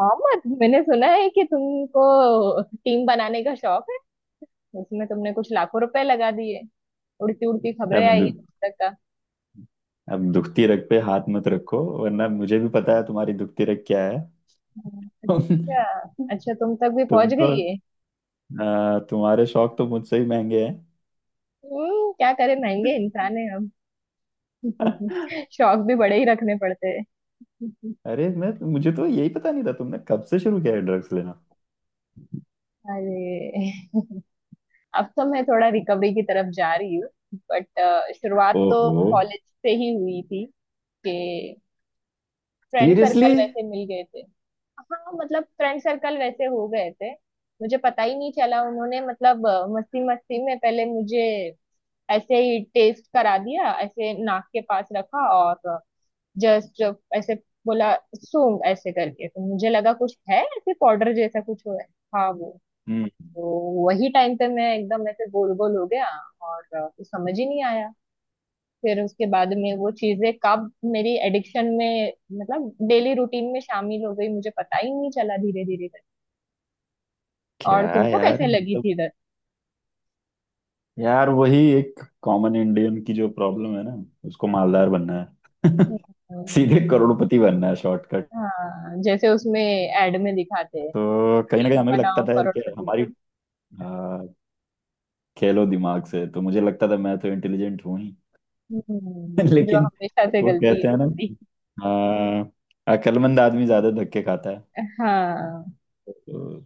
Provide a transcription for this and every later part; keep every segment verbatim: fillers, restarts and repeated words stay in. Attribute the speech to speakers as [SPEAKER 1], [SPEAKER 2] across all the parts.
[SPEAKER 1] मोहम्मद, मैंने सुना है कि तुमको टीम बनाने का शौक है। उसमें तुमने कुछ लाखों रुपए लगा दिए। उड़ती उड़ती खबरें
[SPEAKER 2] अब
[SPEAKER 1] आई
[SPEAKER 2] दु,
[SPEAKER 1] है तुम तक का।
[SPEAKER 2] अब दुखती रग पे हाथ मत रखो। वरना मुझे भी पता है तुम्हारी दुखती रग क्या है।
[SPEAKER 1] हम्म, अच्छा अच्छा, तुम तक भी
[SPEAKER 2] तुम
[SPEAKER 1] पहुंच
[SPEAKER 2] तो
[SPEAKER 1] गई है।
[SPEAKER 2] आ, तुम्हारे शौक तो मुझसे ही महंगे हैं।
[SPEAKER 1] हम्म, क्या करे, महंगे इंसान है हम। शौक भी बड़े ही रखने पड़ते हैं।
[SPEAKER 2] अरे मैं मुझे तो यही पता नहीं था तुमने कब से शुरू किया है ड्रग्स लेना।
[SPEAKER 1] अरे। अब तो मैं थोड़ा रिकवरी की तरफ जा रही हूँ। बट शुरुआत तो
[SPEAKER 2] ओहो।
[SPEAKER 1] कॉलेज से ही हुई थी। कि फ्रेंड
[SPEAKER 2] सीरियसली?
[SPEAKER 1] सर्कल वैसे मिल गए थे। हाँ, मतलब फ्रेंड सर्कल वैसे हो गए थे। मुझे पता ही नहीं चला, उन्होंने मतलब मस्ती मस्ती में पहले मुझे ऐसे ही टेस्ट करा दिया, ऐसे नाक के पास रखा और जस्ट ऐसे बोला सूंघ, ऐसे करके तो मुझे लगा कुछ है, ऐसे पाउडर जैसा कुछ हो है। हाँ वो
[SPEAKER 2] हम्म।
[SPEAKER 1] तो वही टाइम पे मैं एकदम ऐसे गोल गोल हो गया और कुछ समझ ही नहीं आया। फिर उसके बाद में वो चीजें कब मेरी एडिक्शन में, मतलब डेली रूटीन में शामिल हो गई मुझे पता ही नहीं चला, धीरे धीरे करके। और
[SPEAKER 2] क्या।
[SPEAKER 1] तुमको
[SPEAKER 2] यार
[SPEAKER 1] कैसे लगी
[SPEAKER 2] मतलब
[SPEAKER 1] थी इधर।
[SPEAKER 2] यार वही एक कॉमन इंडियन की जो प्रॉब्लम है ना, उसको मालदार बनना है।
[SPEAKER 1] हम्म।
[SPEAKER 2] सीधे करोड़पति बनना है, शॉर्टकट।
[SPEAKER 1] हाँ, जैसे उसमें एड में दिखाते हैं,
[SPEAKER 2] तो कहीं ना कहीं
[SPEAKER 1] टीम
[SPEAKER 2] हमें भी लगता
[SPEAKER 1] बनाओ
[SPEAKER 2] था यार कि
[SPEAKER 1] करोड़पति।
[SPEAKER 2] हमारी खेलो दिमाग से, तो मुझे लगता था मैं तो इंटेलिजेंट हूं ही।
[SPEAKER 1] हम्म, जो
[SPEAKER 2] लेकिन
[SPEAKER 1] हमेशा से
[SPEAKER 2] वो
[SPEAKER 1] गलती है
[SPEAKER 2] कहते हैं ना,
[SPEAKER 1] तुम्हारी।
[SPEAKER 2] हाँ, अक्लमंद आदमी ज्यादा धक्के खाता है।
[SPEAKER 1] हाँ।
[SPEAKER 2] तो,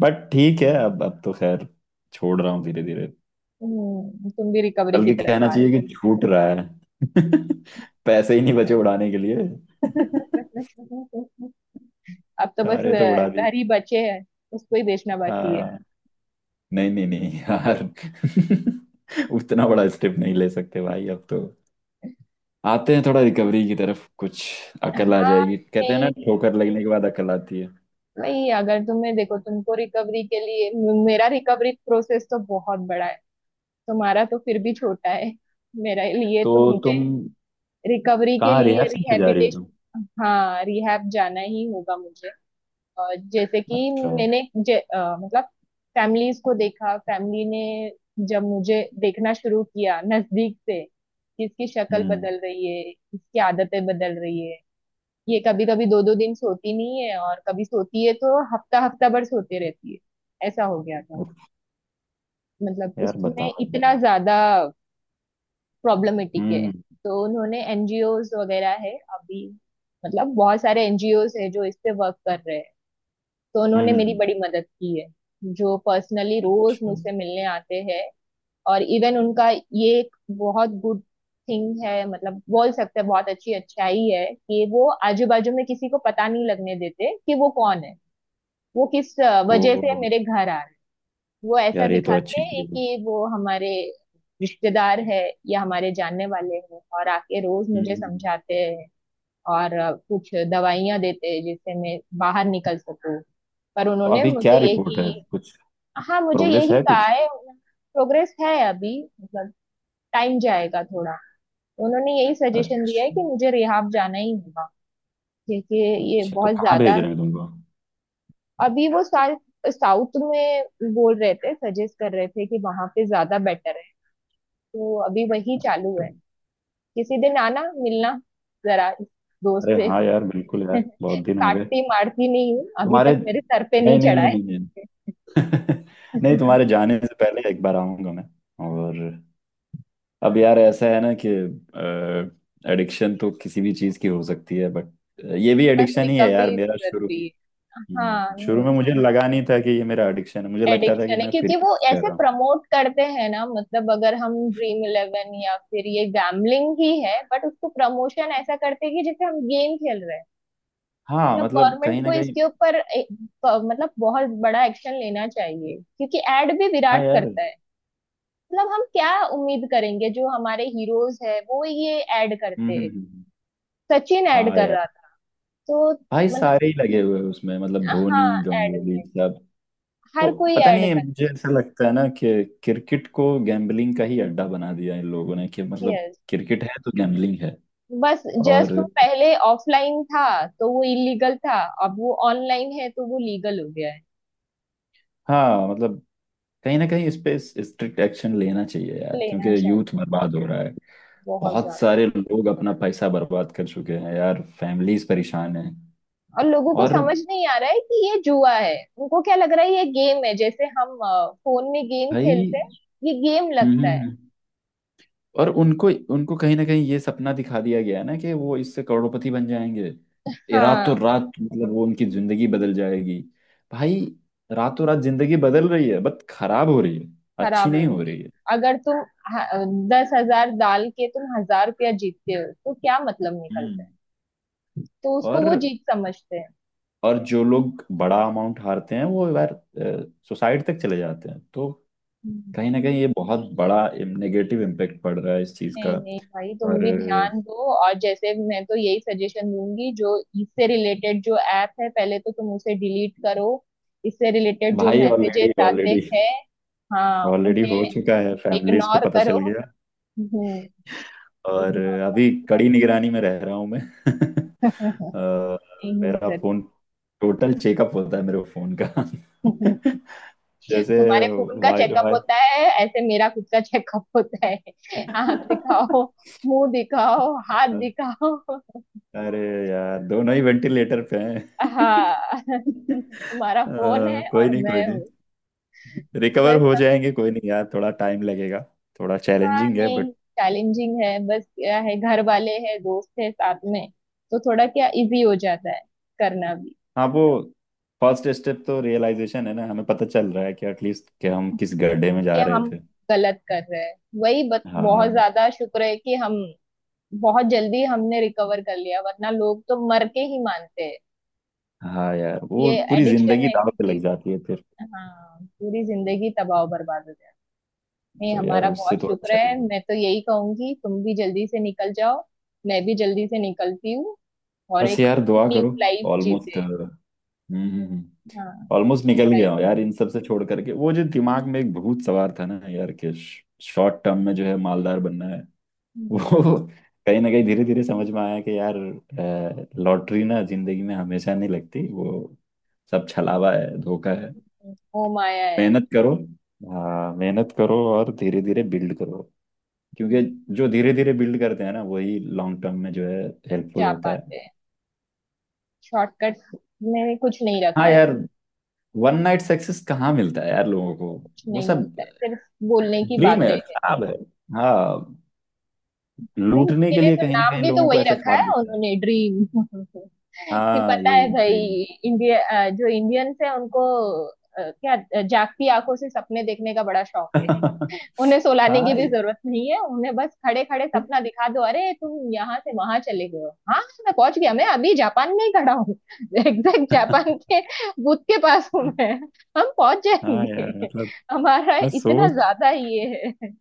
[SPEAKER 2] बट ठीक है, अब अब तो खैर छोड़ रहा हूँ धीरे धीरे।
[SPEAKER 1] हम्म, तुम भी रिकवरी की
[SPEAKER 2] बल्कि
[SPEAKER 1] तरफ
[SPEAKER 2] कहना
[SPEAKER 1] आ रहे हो।
[SPEAKER 2] चाहिए कि छूट रहा है। पैसे ही
[SPEAKER 1] ठीक
[SPEAKER 2] नहीं बचे उड़ाने के लिए।
[SPEAKER 1] है। अब तो बस
[SPEAKER 2] सारे तो
[SPEAKER 1] अ,
[SPEAKER 2] उड़ा दिए।
[SPEAKER 1] घर ही बचे हैं। उसको ही बेचना बाकी है।
[SPEAKER 2] हाँ, नहीं नहीं नहीं यार। उतना बड़ा स्टेप नहीं ले सकते भाई, अब तो आते हैं थोड़ा रिकवरी की तरफ कुछ। अकल आ
[SPEAKER 1] हाँ,
[SPEAKER 2] जाएगी, कहते हैं ना ठोकर
[SPEAKER 1] नहीं
[SPEAKER 2] लगने के बाद अकल आती है।
[SPEAKER 1] नहीं, अगर तुम्हें देखो, तुमको रिकवरी के लिए, मेरा रिकवरी प्रोसेस तो बहुत बड़ा है। तुम्हारा तो फिर भी छोटा है। मेरे लिए
[SPEAKER 2] तो
[SPEAKER 1] तो मुझे
[SPEAKER 2] तुम
[SPEAKER 1] रिकवरी के
[SPEAKER 2] कहाँ
[SPEAKER 1] लिए
[SPEAKER 2] रिहर्सल सेंटर जा रही हो तुम?
[SPEAKER 1] रिहैबिटेशन, हाँ, रिहैब जाना ही होगा मुझे। अ, जैसे कि
[SPEAKER 2] अच्छा।
[SPEAKER 1] मैंने जे, अ, मतलब फैमिलीज को देखा, फैमिली ने जब मुझे देखना शुरू किया नजदीक से, किसकी शक्ल
[SPEAKER 2] हम्म।
[SPEAKER 1] बदल रही है, किसकी आदतें बदल रही है, ये कभी कभी दो दो दिन सोती नहीं है और कभी सोती है तो हफ्ता हफ्ता भर सोते रहती है, ऐसा हो गया था।
[SPEAKER 2] उफ।
[SPEAKER 1] मतलब
[SPEAKER 2] यार
[SPEAKER 1] उसमें
[SPEAKER 2] बताओ यार।
[SPEAKER 1] इतना ज्यादा प्रॉब्लमेटिक
[SPEAKER 2] हम्म।
[SPEAKER 1] है।
[SPEAKER 2] हम्म।
[SPEAKER 1] तो उन्होंने एनजीओज वगैरह है अभी, मतलब बहुत सारे एनजीओज है जो इस पे वर्क कर रहे हैं। तो
[SPEAKER 2] हम्म,
[SPEAKER 1] उन्होंने
[SPEAKER 2] हम्म,
[SPEAKER 1] मेरी
[SPEAKER 2] हम्म।
[SPEAKER 1] बड़ी मदद की है। जो पर्सनली रोज
[SPEAKER 2] अच्छा
[SPEAKER 1] मुझसे मिलने आते हैं। और इवन उनका ये एक बहुत गुड थिंग है, मतलब बोल सकते हैं बहुत अच्छी अच्छाई है कि वो आजू बाजू में किसी को पता नहीं लगने देते कि वो कौन है, वो किस अ,
[SPEAKER 2] तो
[SPEAKER 1] वजह से मेरे घर आ रहे हैं। वो ऐसा
[SPEAKER 2] यार ये तो
[SPEAKER 1] दिखाते
[SPEAKER 2] अच्छी चीज
[SPEAKER 1] हैं
[SPEAKER 2] है। हम्म।
[SPEAKER 1] कि वो हमारे रिश्तेदार है या हमारे जानने वाले हैं, और आके रोज
[SPEAKER 2] हम्म।
[SPEAKER 1] मुझे
[SPEAKER 2] हम्म।
[SPEAKER 1] समझाते हैं। और अ, कुछ दवाइयां देते हैं जिससे मैं बाहर निकल सकूं। पर
[SPEAKER 2] तो
[SPEAKER 1] उन्होंने
[SPEAKER 2] अभी क्या
[SPEAKER 1] मुझे
[SPEAKER 2] रिपोर्ट है
[SPEAKER 1] यही,
[SPEAKER 2] कुछ?
[SPEAKER 1] हाँ, मुझे
[SPEAKER 2] प्रोग्रेस
[SPEAKER 1] यही
[SPEAKER 2] है
[SPEAKER 1] कहा
[SPEAKER 2] कुछ?
[SPEAKER 1] है, प्रोग्रेस है अभी। मतलब टाइम जाएगा थोड़ा। उन्होंने यही सजेशन दिया है
[SPEAKER 2] अच्छा,
[SPEAKER 1] कि मुझे रिहाब जाना ही होगा। क्योंकि ये
[SPEAKER 2] अच्छा तो
[SPEAKER 1] बहुत
[SPEAKER 2] कहाँ
[SPEAKER 1] ज्यादा।
[SPEAKER 2] भेज रहे हैं तुमको?
[SPEAKER 1] अभी वो साल साउथ में बोल रहे थे, सजेस्ट कर रहे थे कि वहां पे ज्यादा बेटर है। तो अभी वही चालू है। किसी दिन आना, मिलना जरा दोस्त
[SPEAKER 2] अरे
[SPEAKER 1] से।
[SPEAKER 2] हाँ यार, बिल्कुल यार, बहुत दिन हो गए।
[SPEAKER 1] काटती मारती नहीं हूँ, अभी
[SPEAKER 2] तुम्हारे
[SPEAKER 1] तक मेरे सर पे
[SPEAKER 2] नहीं
[SPEAKER 1] नहीं
[SPEAKER 2] नहीं
[SPEAKER 1] चढ़ा
[SPEAKER 2] नहीं
[SPEAKER 1] है।
[SPEAKER 2] नहीं नहीं। नहीं, तुम्हारे जाने से पहले एक बार आऊंगा मैं। और अब यार ऐसा है ना कि एडिक्शन तो किसी भी चीज की हो सकती है, बट ये भी
[SPEAKER 1] बस
[SPEAKER 2] एडिक्शन ही है
[SPEAKER 1] रिकवरी
[SPEAKER 2] यार मेरा। शुरू में,
[SPEAKER 1] जरूरी है। हाँ
[SPEAKER 2] हम्म, शुरू में
[SPEAKER 1] नहीं,
[SPEAKER 2] मुझे लगा नहीं था कि ये मेरा एडिक्शन है, मुझे लगता था कि
[SPEAKER 1] एडिक्शन है
[SPEAKER 2] मैं फ्री
[SPEAKER 1] क्योंकि वो
[SPEAKER 2] कर
[SPEAKER 1] ऐसे
[SPEAKER 2] रहा हूँ।
[SPEAKER 1] प्रमोट करते हैं ना, मतलब अगर हम ड्रीम इलेवन या फिर ये गैम्बलिंग ही है, बट उसको प्रमोशन ऐसा करते हैं कि जैसे हम गेम खेल रहे हैं।
[SPEAKER 2] हाँ
[SPEAKER 1] मतलब
[SPEAKER 2] मतलब
[SPEAKER 1] गवर्नमेंट
[SPEAKER 2] कहीं
[SPEAKER 1] को
[SPEAKER 2] ना कहीं।
[SPEAKER 1] इसके ऊपर ए- प- मतलब बहुत बड़ा एक्शन लेना चाहिए, क्योंकि एड भी
[SPEAKER 2] हाँ
[SPEAKER 1] विराट
[SPEAKER 2] यार। हम्म।
[SPEAKER 1] करता है। मतलब हम क्या उम्मीद करेंगे, जो हमारे हीरोज है वो ये ऐड
[SPEAKER 2] हम्म,
[SPEAKER 1] करते हैं।
[SPEAKER 2] हम्म,
[SPEAKER 1] सचिन ऐड
[SPEAKER 2] हाँ
[SPEAKER 1] कर
[SPEAKER 2] यार।
[SPEAKER 1] रहा था। तो
[SPEAKER 2] भाई
[SPEAKER 1] मतलब,
[SPEAKER 2] सारे ही लगे हुए हैं उसमें, मतलब धोनी,
[SPEAKER 1] हाँ, ऐड
[SPEAKER 2] गंगोली,
[SPEAKER 1] में
[SPEAKER 2] सब। तो
[SPEAKER 1] हर कोई
[SPEAKER 2] पता
[SPEAKER 1] ऐड
[SPEAKER 2] नहीं
[SPEAKER 1] कर।
[SPEAKER 2] मुझे ऐसा लगता है ना कि क्रिकेट को गैम्बलिंग का ही अड्डा बना दिया इन लोगों ने, कि मतलब
[SPEAKER 1] यस।
[SPEAKER 2] क्रिकेट है तो गैम्बलिंग है।
[SPEAKER 1] बस
[SPEAKER 2] और
[SPEAKER 1] जस्ट वो पहले ऑफलाइन था तो वो इलीगल था। अब वो ऑनलाइन है तो वो लीगल हो गया है।
[SPEAKER 2] हाँ मतलब कहीं ना कहीं इस पे स्ट्रिक्ट एक्शन लेना चाहिए यार, क्योंकि
[SPEAKER 1] लेना चाहिए
[SPEAKER 2] यूथ बर्बाद हो रहा है।
[SPEAKER 1] बहुत
[SPEAKER 2] बहुत
[SPEAKER 1] ज्यादा।
[SPEAKER 2] सारे लोग अपना पैसा बर्बाद कर चुके हैं यार, फैमिलीज परेशान हैं।
[SPEAKER 1] और लोगों को
[SPEAKER 2] और
[SPEAKER 1] समझ नहीं आ रहा है कि ये जुआ है, उनको क्या लग रहा है ये गेम है, जैसे हम अ, फोन में गेम खेलते हैं।
[SPEAKER 2] भाई।
[SPEAKER 1] ये गेम
[SPEAKER 2] हम्म।
[SPEAKER 1] लगता
[SPEAKER 2] हम्म,
[SPEAKER 1] है।
[SPEAKER 2] हम्म। और उनको उनको कहीं ना कहीं ये सपना दिखा दिया गया है ना कि वो इससे करोड़पति बन जाएंगे। ये
[SPEAKER 1] हाँ,
[SPEAKER 2] रातों रात मतलब वो उनकी जिंदगी बदल जाएगी। भाई रातों रात जिंदगी बदल रही है, बट खराब हो रही है। अच्छी
[SPEAKER 1] खराब हो
[SPEAKER 2] नहीं
[SPEAKER 1] रही
[SPEAKER 2] हो
[SPEAKER 1] है।
[SPEAKER 2] रही है।
[SPEAKER 1] अगर तुम ह- दस हजार डाल के तुम हजार रुपया जीतते हो तो क्या मतलब निकलता
[SPEAKER 2] हम्म।
[SPEAKER 1] है। तो उसको
[SPEAKER 2] और
[SPEAKER 1] वो जीत समझते हैं।
[SPEAKER 2] और जो लोग बड़ा अमाउंट हारते हैं वो यार सुसाइड तक चले जाते हैं, तो कहीं ना
[SPEAKER 1] हम्म।
[SPEAKER 2] कहीं ये बहुत बड़ा नेगेटिव इम्पेक्ट पड़ रहा है इस चीज का।
[SPEAKER 1] नहीं नहीं भाई, तुम
[SPEAKER 2] और
[SPEAKER 1] भी
[SPEAKER 2] अ,
[SPEAKER 1] ध्यान दो। और जैसे मैं तो यही सजेशन दूंगी जो इससे रिलेटेड जो ऐप है, पहले तो तुम उसे डिलीट करो। इससे रिलेटेड जो
[SPEAKER 2] भाई ऑलरेडी,
[SPEAKER 1] मैसेजेस आते
[SPEAKER 2] ऑलरेडी,
[SPEAKER 1] हैं हाँ
[SPEAKER 2] ऑलरेडी हो
[SPEAKER 1] उन्हें
[SPEAKER 2] चुका है, फैमिलीज को
[SPEAKER 1] इग्नोर
[SPEAKER 2] पता
[SPEAKER 1] करो।
[SPEAKER 2] चल गया।
[SPEAKER 1] हम्म,
[SPEAKER 2] और
[SPEAKER 1] इग्नोर
[SPEAKER 2] अभी
[SPEAKER 1] करो।
[SPEAKER 2] कड़ी निगरानी में रह रहा हूँ मैं। अ,
[SPEAKER 1] नहीं।
[SPEAKER 2] मेरा फोन टोटल चेकअप होता है मेरे फोन का।
[SPEAKER 1] जरूर।
[SPEAKER 2] जैसे
[SPEAKER 1] तुम्हारे फोन का
[SPEAKER 2] वायर
[SPEAKER 1] चेकअप
[SPEAKER 2] वायर।
[SPEAKER 1] होता है, ऐसे मेरा खुद का चेकअप होता है। आंख दिखाओ, मुंह दिखाओ, हाथ दिखाओ।
[SPEAKER 2] अरे यार दोनों ही वेंटिलेटर पे हैं।
[SPEAKER 1] हाँ, तुम्हारा
[SPEAKER 2] अ,
[SPEAKER 1] फोन है
[SPEAKER 2] कोई
[SPEAKER 1] और
[SPEAKER 2] नहीं, कोई
[SPEAKER 1] मैं
[SPEAKER 2] नहीं,
[SPEAKER 1] हूँ।
[SPEAKER 2] रिकवर
[SPEAKER 1] बस।
[SPEAKER 2] हो जाएंगे कोई नहीं यार, थोड़ा टाइम लगेगा। थोड़ा
[SPEAKER 1] हाँ
[SPEAKER 2] चैलेंजिंग है,
[SPEAKER 1] नहीं,
[SPEAKER 2] बट
[SPEAKER 1] चैलेंजिंग है। बस क्या है, घर वाले हैं, दोस्त है साथ में, तो थोड़ा क्या इजी हो जाता है करना भी।
[SPEAKER 2] हाँ वो फर्स्ट स्टेप तो रियलाइजेशन है ना, हमें पता चल रहा है कि एटलीस्ट कि हम किस गड्ढे में
[SPEAKER 1] कि
[SPEAKER 2] जा
[SPEAKER 1] हम
[SPEAKER 2] रहे।
[SPEAKER 1] गलत कर रहे हैं। वही बस, बहुत
[SPEAKER 2] हाँ।
[SPEAKER 1] ज्यादा शुक्र है कि हम बहुत जल्दी हमने रिकवर कर लिया, वरना लोग तो मर के ही मानते हैं।
[SPEAKER 2] हाँ यार वो
[SPEAKER 1] ये
[SPEAKER 2] पूरी
[SPEAKER 1] एडिक्शन
[SPEAKER 2] जिंदगी दाव
[SPEAKER 1] ऐसी
[SPEAKER 2] पे लग
[SPEAKER 1] चीज
[SPEAKER 2] जाती है फिर।
[SPEAKER 1] है, हाँ, पूरी जिंदगी तबाह बर्बाद हो जाए। नहीं,
[SPEAKER 2] तो यार
[SPEAKER 1] हमारा
[SPEAKER 2] उससे
[SPEAKER 1] बहुत
[SPEAKER 2] तो
[SPEAKER 1] शुक्र
[SPEAKER 2] अच्छा ही
[SPEAKER 1] है।
[SPEAKER 2] है।
[SPEAKER 1] मैं तो यही कहूंगी, तुम भी जल्दी से निकल जाओ। मैं भी जल्दी से निकलती हूँ और
[SPEAKER 2] बस
[SPEAKER 1] एक
[SPEAKER 2] यार दुआ
[SPEAKER 1] न्यू
[SPEAKER 2] करो।
[SPEAKER 1] Life
[SPEAKER 2] almost.
[SPEAKER 1] जीते।
[SPEAKER 2] हम्म।
[SPEAKER 1] हाँ।
[SPEAKER 2] ऑलमोस्ट निकल गया
[SPEAKER 1] राइट।
[SPEAKER 2] हूँ यार इन सब से, छोड़ करके वो जो दिमाग में एक भूत सवार था ना यार कि शॉर्ट टर्म में जो है मालदार बनना है। वो कहीं ना कहीं धीरे धीरे समझ में आया कि यार लॉटरी ना जिंदगी में हमेशा नहीं लगती, वो सब छलावा है, धोखा है।
[SPEAKER 1] वो माया है।
[SPEAKER 2] मेहनत करो। हाँ मेहनत करो और धीरे धीरे बिल्ड करो, क्योंकि
[SPEAKER 1] हम्म,
[SPEAKER 2] जो धीरे धीरे बिल्ड करते हैं ना वही लॉन्ग टर्म में जो है हेल्पफुल
[SPEAKER 1] जा
[SPEAKER 2] होता है।
[SPEAKER 1] पाते हैं। शॉर्टकट में कुछ नहीं रखा
[SPEAKER 2] हाँ
[SPEAKER 1] है।
[SPEAKER 2] यार वन नाइट सक्सेस कहाँ मिलता है यार लोगों को।
[SPEAKER 1] कुछ
[SPEAKER 2] वो
[SPEAKER 1] नहीं
[SPEAKER 2] सब
[SPEAKER 1] मिलता है, सिर्फ बोलने की
[SPEAKER 2] ड्रीम है,
[SPEAKER 1] बातें हैं।
[SPEAKER 2] ख्वाब है। हाँ,
[SPEAKER 1] भाई,
[SPEAKER 2] लूटने
[SPEAKER 1] उसके
[SPEAKER 2] के
[SPEAKER 1] लिए
[SPEAKER 2] लिए
[SPEAKER 1] तो
[SPEAKER 2] कहीं ना
[SPEAKER 1] नाम
[SPEAKER 2] कहीं
[SPEAKER 1] भी तो
[SPEAKER 2] लोगों को
[SPEAKER 1] वही
[SPEAKER 2] ऐसे
[SPEAKER 1] रखा है
[SPEAKER 2] ख्वाब दिखते हैं।
[SPEAKER 1] उन्होंने, ड्रीम। कि
[SPEAKER 2] हाँ
[SPEAKER 1] पता
[SPEAKER 2] यही
[SPEAKER 1] है भाई,
[SPEAKER 2] ड्रीम।
[SPEAKER 1] इंडिया, अ, जो इंडियंस है उनको अ, क्या अ, जागती आंखों से सपने देखने का बड़ा शौक है। उन्हें सुलाने की
[SPEAKER 2] हाँ।
[SPEAKER 1] भी जरूरत नहीं है, उन्हें बस खड़े खड़े सपना दिखा दो, अरे तुम यहाँ से वहां चले गए हो, हाँ मैं पहुंच गया, मैं अभी जापान में ही खड़ा हूँ। एग्जैक्ट जापान के बूथ के पास हूँ मैं। हम पहुंच
[SPEAKER 2] हाँ यार
[SPEAKER 1] जाएंगे,
[SPEAKER 2] मतलब,
[SPEAKER 1] हमारा
[SPEAKER 2] मैं
[SPEAKER 1] इतना
[SPEAKER 2] सोच
[SPEAKER 1] ज्यादा ये है।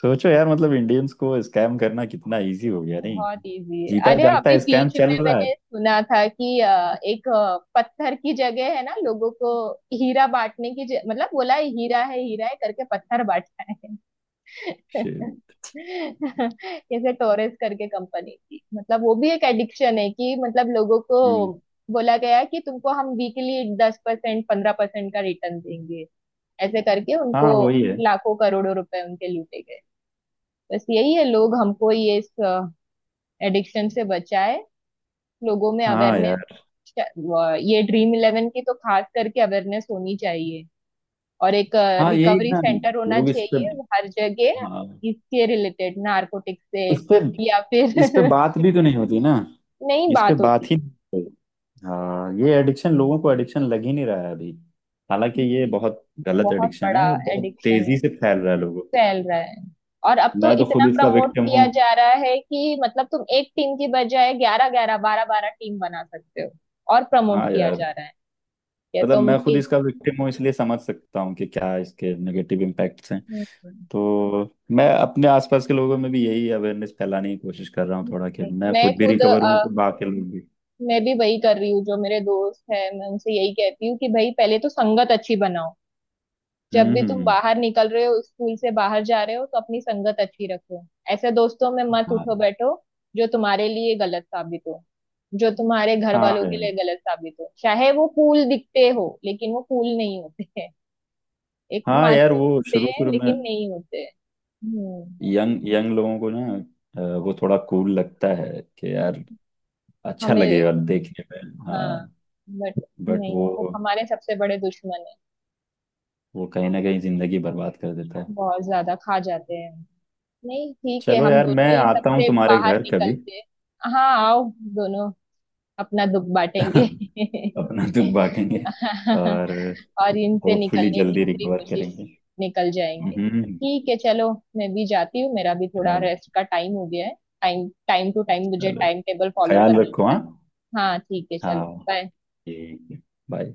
[SPEAKER 2] सोचो यार, मतलब इंडियंस को स्कैम करना कितना इजी हो गया नहीं।
[SPEAKER 1] बहुत इजी है।
[SPEAKER 2] जीता
[SPEAKER 1] अरे अभी
[SPEAKER 2] जागता स्कैम
[SPEAKER 1] बीच में
[SPEAKER 2] चल रहा है।
[SPEAKER 1] मैंने सुना था कि अ, एक अ, पत्थर की जगह है ना, लोगों को हीरा बांटने की ज... मतलब बोला है, हीरा है हीरा है करके पत्थर बांटा है।
[SPEAKER 2] Shit.
[SPEAKER 1] जैसे टोरेस करके कंपनी थी, मतलब वो भी एक एडिक्शन है कि मतलब लोगों को
[SPEAKER 2] हम्म।
[SPEAKER 1] बोला गया कि तुमको हम वीकली दस परसेंट पंद्रह परसेंट का रिटर्न देंगे, ऐसे करके उनको
[SPEAKER 2] हाँ वही है।
[SPEAKER 1] लाखों करोड़ों रुपए उनके लूटे गए। बस यही है, लोग हमको ये इस एडिक्शन से बचाए, लोगों में
[SPEAKER 2] हाँ
[SPEAKER 1] अवेयरनेस,
[SPEAKER 2] यार।
[SPEAKER 1] ये ड्रीम इलेवन की तो खास करके अवेयरनेस होनी चाहिए। और एक
[SPEAKER 2] हाँ यही
[SPEAKER 1] रिकवरी
[SPEAKER 2] ना।
[SPEAKER 1] सेंटर होना
[SPEAKER 2] लोग इस पे,
[SPEAKER 1] चाहिए हर जगह,
[SPEAKER 2] हाँ,
[SPEAKER 1] इसके रिलेटेड नारकोटिक से
[SPEAKER 2] इस पे
[SPEAKER 1] या
[SPEAKER 2] इस पे
[SPEAKER 1] फिर।
[SPEAKER 2] बात भी तो नहीं होती ना,
[SPEAKER 1] नहीं,
[SPEAKER 2] इस पे
[SPEAKER 1] बात होती
[SPEAKER 2] बात ही नहीं होती। हाँ ये एडिक्शन लोगों को एडिक्शन लग ही नहीं रहा है अभी। हालांकि ये
[SPEAKER 1] हम्म,
[SPEAKER 2] बहुत गलत
[SPEAKER 1] बहुत
[SPEAKER 2] एडिक्शन
[SPEAKER 1] बड़ा
[SPEAKER 2] है और बहुत
[SPEAKER 1] एडिक्शन है,
[SPEAKER 2] तेजी से फैल रहा है लोगों।
[SPEAKER 1] फैल रहा है। और अब तो
[SPEAKER 2] मैं तो
[SPEAKER 1] इतना
[SPEAKER 2] खुद इसका
[SPEAKER 1] प्रमोट
[SPEAKER 2] विक्टिम
[SPEAKER 1] किया
[SPEAKER 2] हूँ।
[SPEAKER 1] जा रहा है कि मतलब तुम एक टीम की बजाय ग्यारह ग्यारह बारह बारह टीम बना सकते हो और प्रमोट
[SPEAKER 2] हाँ
[SPEAKER 1] किया
[SPEAKER 2] यार
[SPEAKER 1] जा रहा है कि
[SPEAKER 2] मतलब
[SPEAKER 1] तुम
[SPEAKER 2] मैं खुद
[SPEAKER 1] एक।
[SPEAKER 2] इसका विक्टिम हूँ इसलिए समझ सकता हूँ कि क्या इसके नेगेटिव इम्पैक्ट्स हैं।
[SPEAKER 1] हम्म।
[SPEAKER 2] तो मैं अपने आसपास के लोगों में भी यही अवेयरनेस फैलाने की कोशिश कर रहा हूँ थोड़ा, कि मैं
[SPEAKER 1] मैं
[SPEAKER 2] खुद भी
[SPEAKER 1] खुद अ,
[SPEAKER 2] रिकवर हूँ तो बाकी लोग भी।
[SPEAKER 1] मैं भी वही कर रही हूँ, जो मेरे दोस्त है मैं उनसे यही कहती हूँ कि भाई पहले तो संगत अच्छी बनाओ, जब
[SPEAKER 2] हम्म।
[SPEAKER 1] भी
[SPEAKER 2] हम्म।
[SPEAKER 1] तुम
[SPEAKER 2] हम्म।
[SPEAKER 1] बाहर निकल रहे हो, स्कूल से बाहर जा रहे हो तो अपनी संगत अच्छी रखो। ऐसे दोस्तों में मत
[SPEAKER 2] हाँ।
[SPEAKER 1] उठो बैठो जो तुम्हारे लिए गलत साबित हो, जो तुम्हारे घर
[SPEAKER 2] हाँ
[SPEAKER 1] वालों के
[SPEAKER 2] यार।
[SPEAKER 1] लिए गलत साबित हो, चाहे वो फूल दिखते हो लेकिन वो फूल नहीं होते हैं। एक
[SPEAKER 2] हाँ यार
[SPEAKER 1] माचो
[SPEAKER 2] वो
[SPEAKER 1] होते
[SPEAKER 2] शुरू
[SPEAKER 1] हैं
[SPEAKER 2] शुरू में
[SPEAKER 1] लेकिन नहीं होते हैं। हम्म।
[SPEAKER 2] यंग यंग लोगों को ना अ, वो थोड़ा कूल लगता है कि यार अच्छा
[SPEAKER 1] हमें।
[SPEAKER 2] लगेगा देखने में, हाँ,
[SPEAKER 1] हाँ। बट
[SPEAKER 2] बट
[SPEAKER 1] नहीं,
[SPEAKER 2] वो
[SPEAKER 1] वो हमारे सबसे बड़े दुश्मन है,
[SPEAKER 2] वो कहीं ना कहीं जिंदगी बर्बाद कर देता है।
[SPEAKER 1] बहुत ज्यादा खा जाते हैं। नहीं ठीक है,
[SPEAKER 2] चलो
[SPEAKER 1] हम
[SPEAKER 2] यार मैं
[SPEAKER 1] दोनों ही
[SPEAKER 2] आता हूँ
[SPEAKER 1] सबसे
[SPEAKER 2] तुम्हारे
[SPEAKER 1] बाहर
[SPEAKER 2] घर कभी।
[SPEAKER 1] निकलते हैं। हाँ आओ, दोनों अपना दुख बांटेंगे।
[SPEAKER 2] अपना दुख बांटेंगे। और
[SPEAKER 1] और इनसे
[SPEAKER 2] होपफुली
[SPEAKER 1] निकलने की
[SPEAKER 2] जल्दी
[SPEAKER 1] पूरी
[SPEAKER 2] रिकवर
[SPEAKER 1] कोशिश,
[SPEAKER 2] करेंगे।
[SPEAKER 1] निकल जाएंगे।
[SPEAKER 2] हम्म।
[SPEAKER 1] ठीक है चलो, मैं भी जाती हूँ, मेरा भी थोड़ा
[SPEAKER 2] चलो।
[SPEAKER 1] रेस्ट का टाइम हो गया है। टाइम टाइम टू टाइम मुझे
[SPEAKER 2] चलो,
[SPEAKER 1] टाइम टेबल फॉलो
[SPEAKER 2] ख्याल
[SPEAKER 1] करना
[SPEAKER 2] रखो,
[SPEAKER 1] होता
[SPEAKER 2] हाँ।
[SPEAKER 1] है। हाँ ठीक है, चलो
[SPEAKER 2] हाँ
[SPEAKER 1] बाय।
[SPEAKER 2] ठीक है। बाय।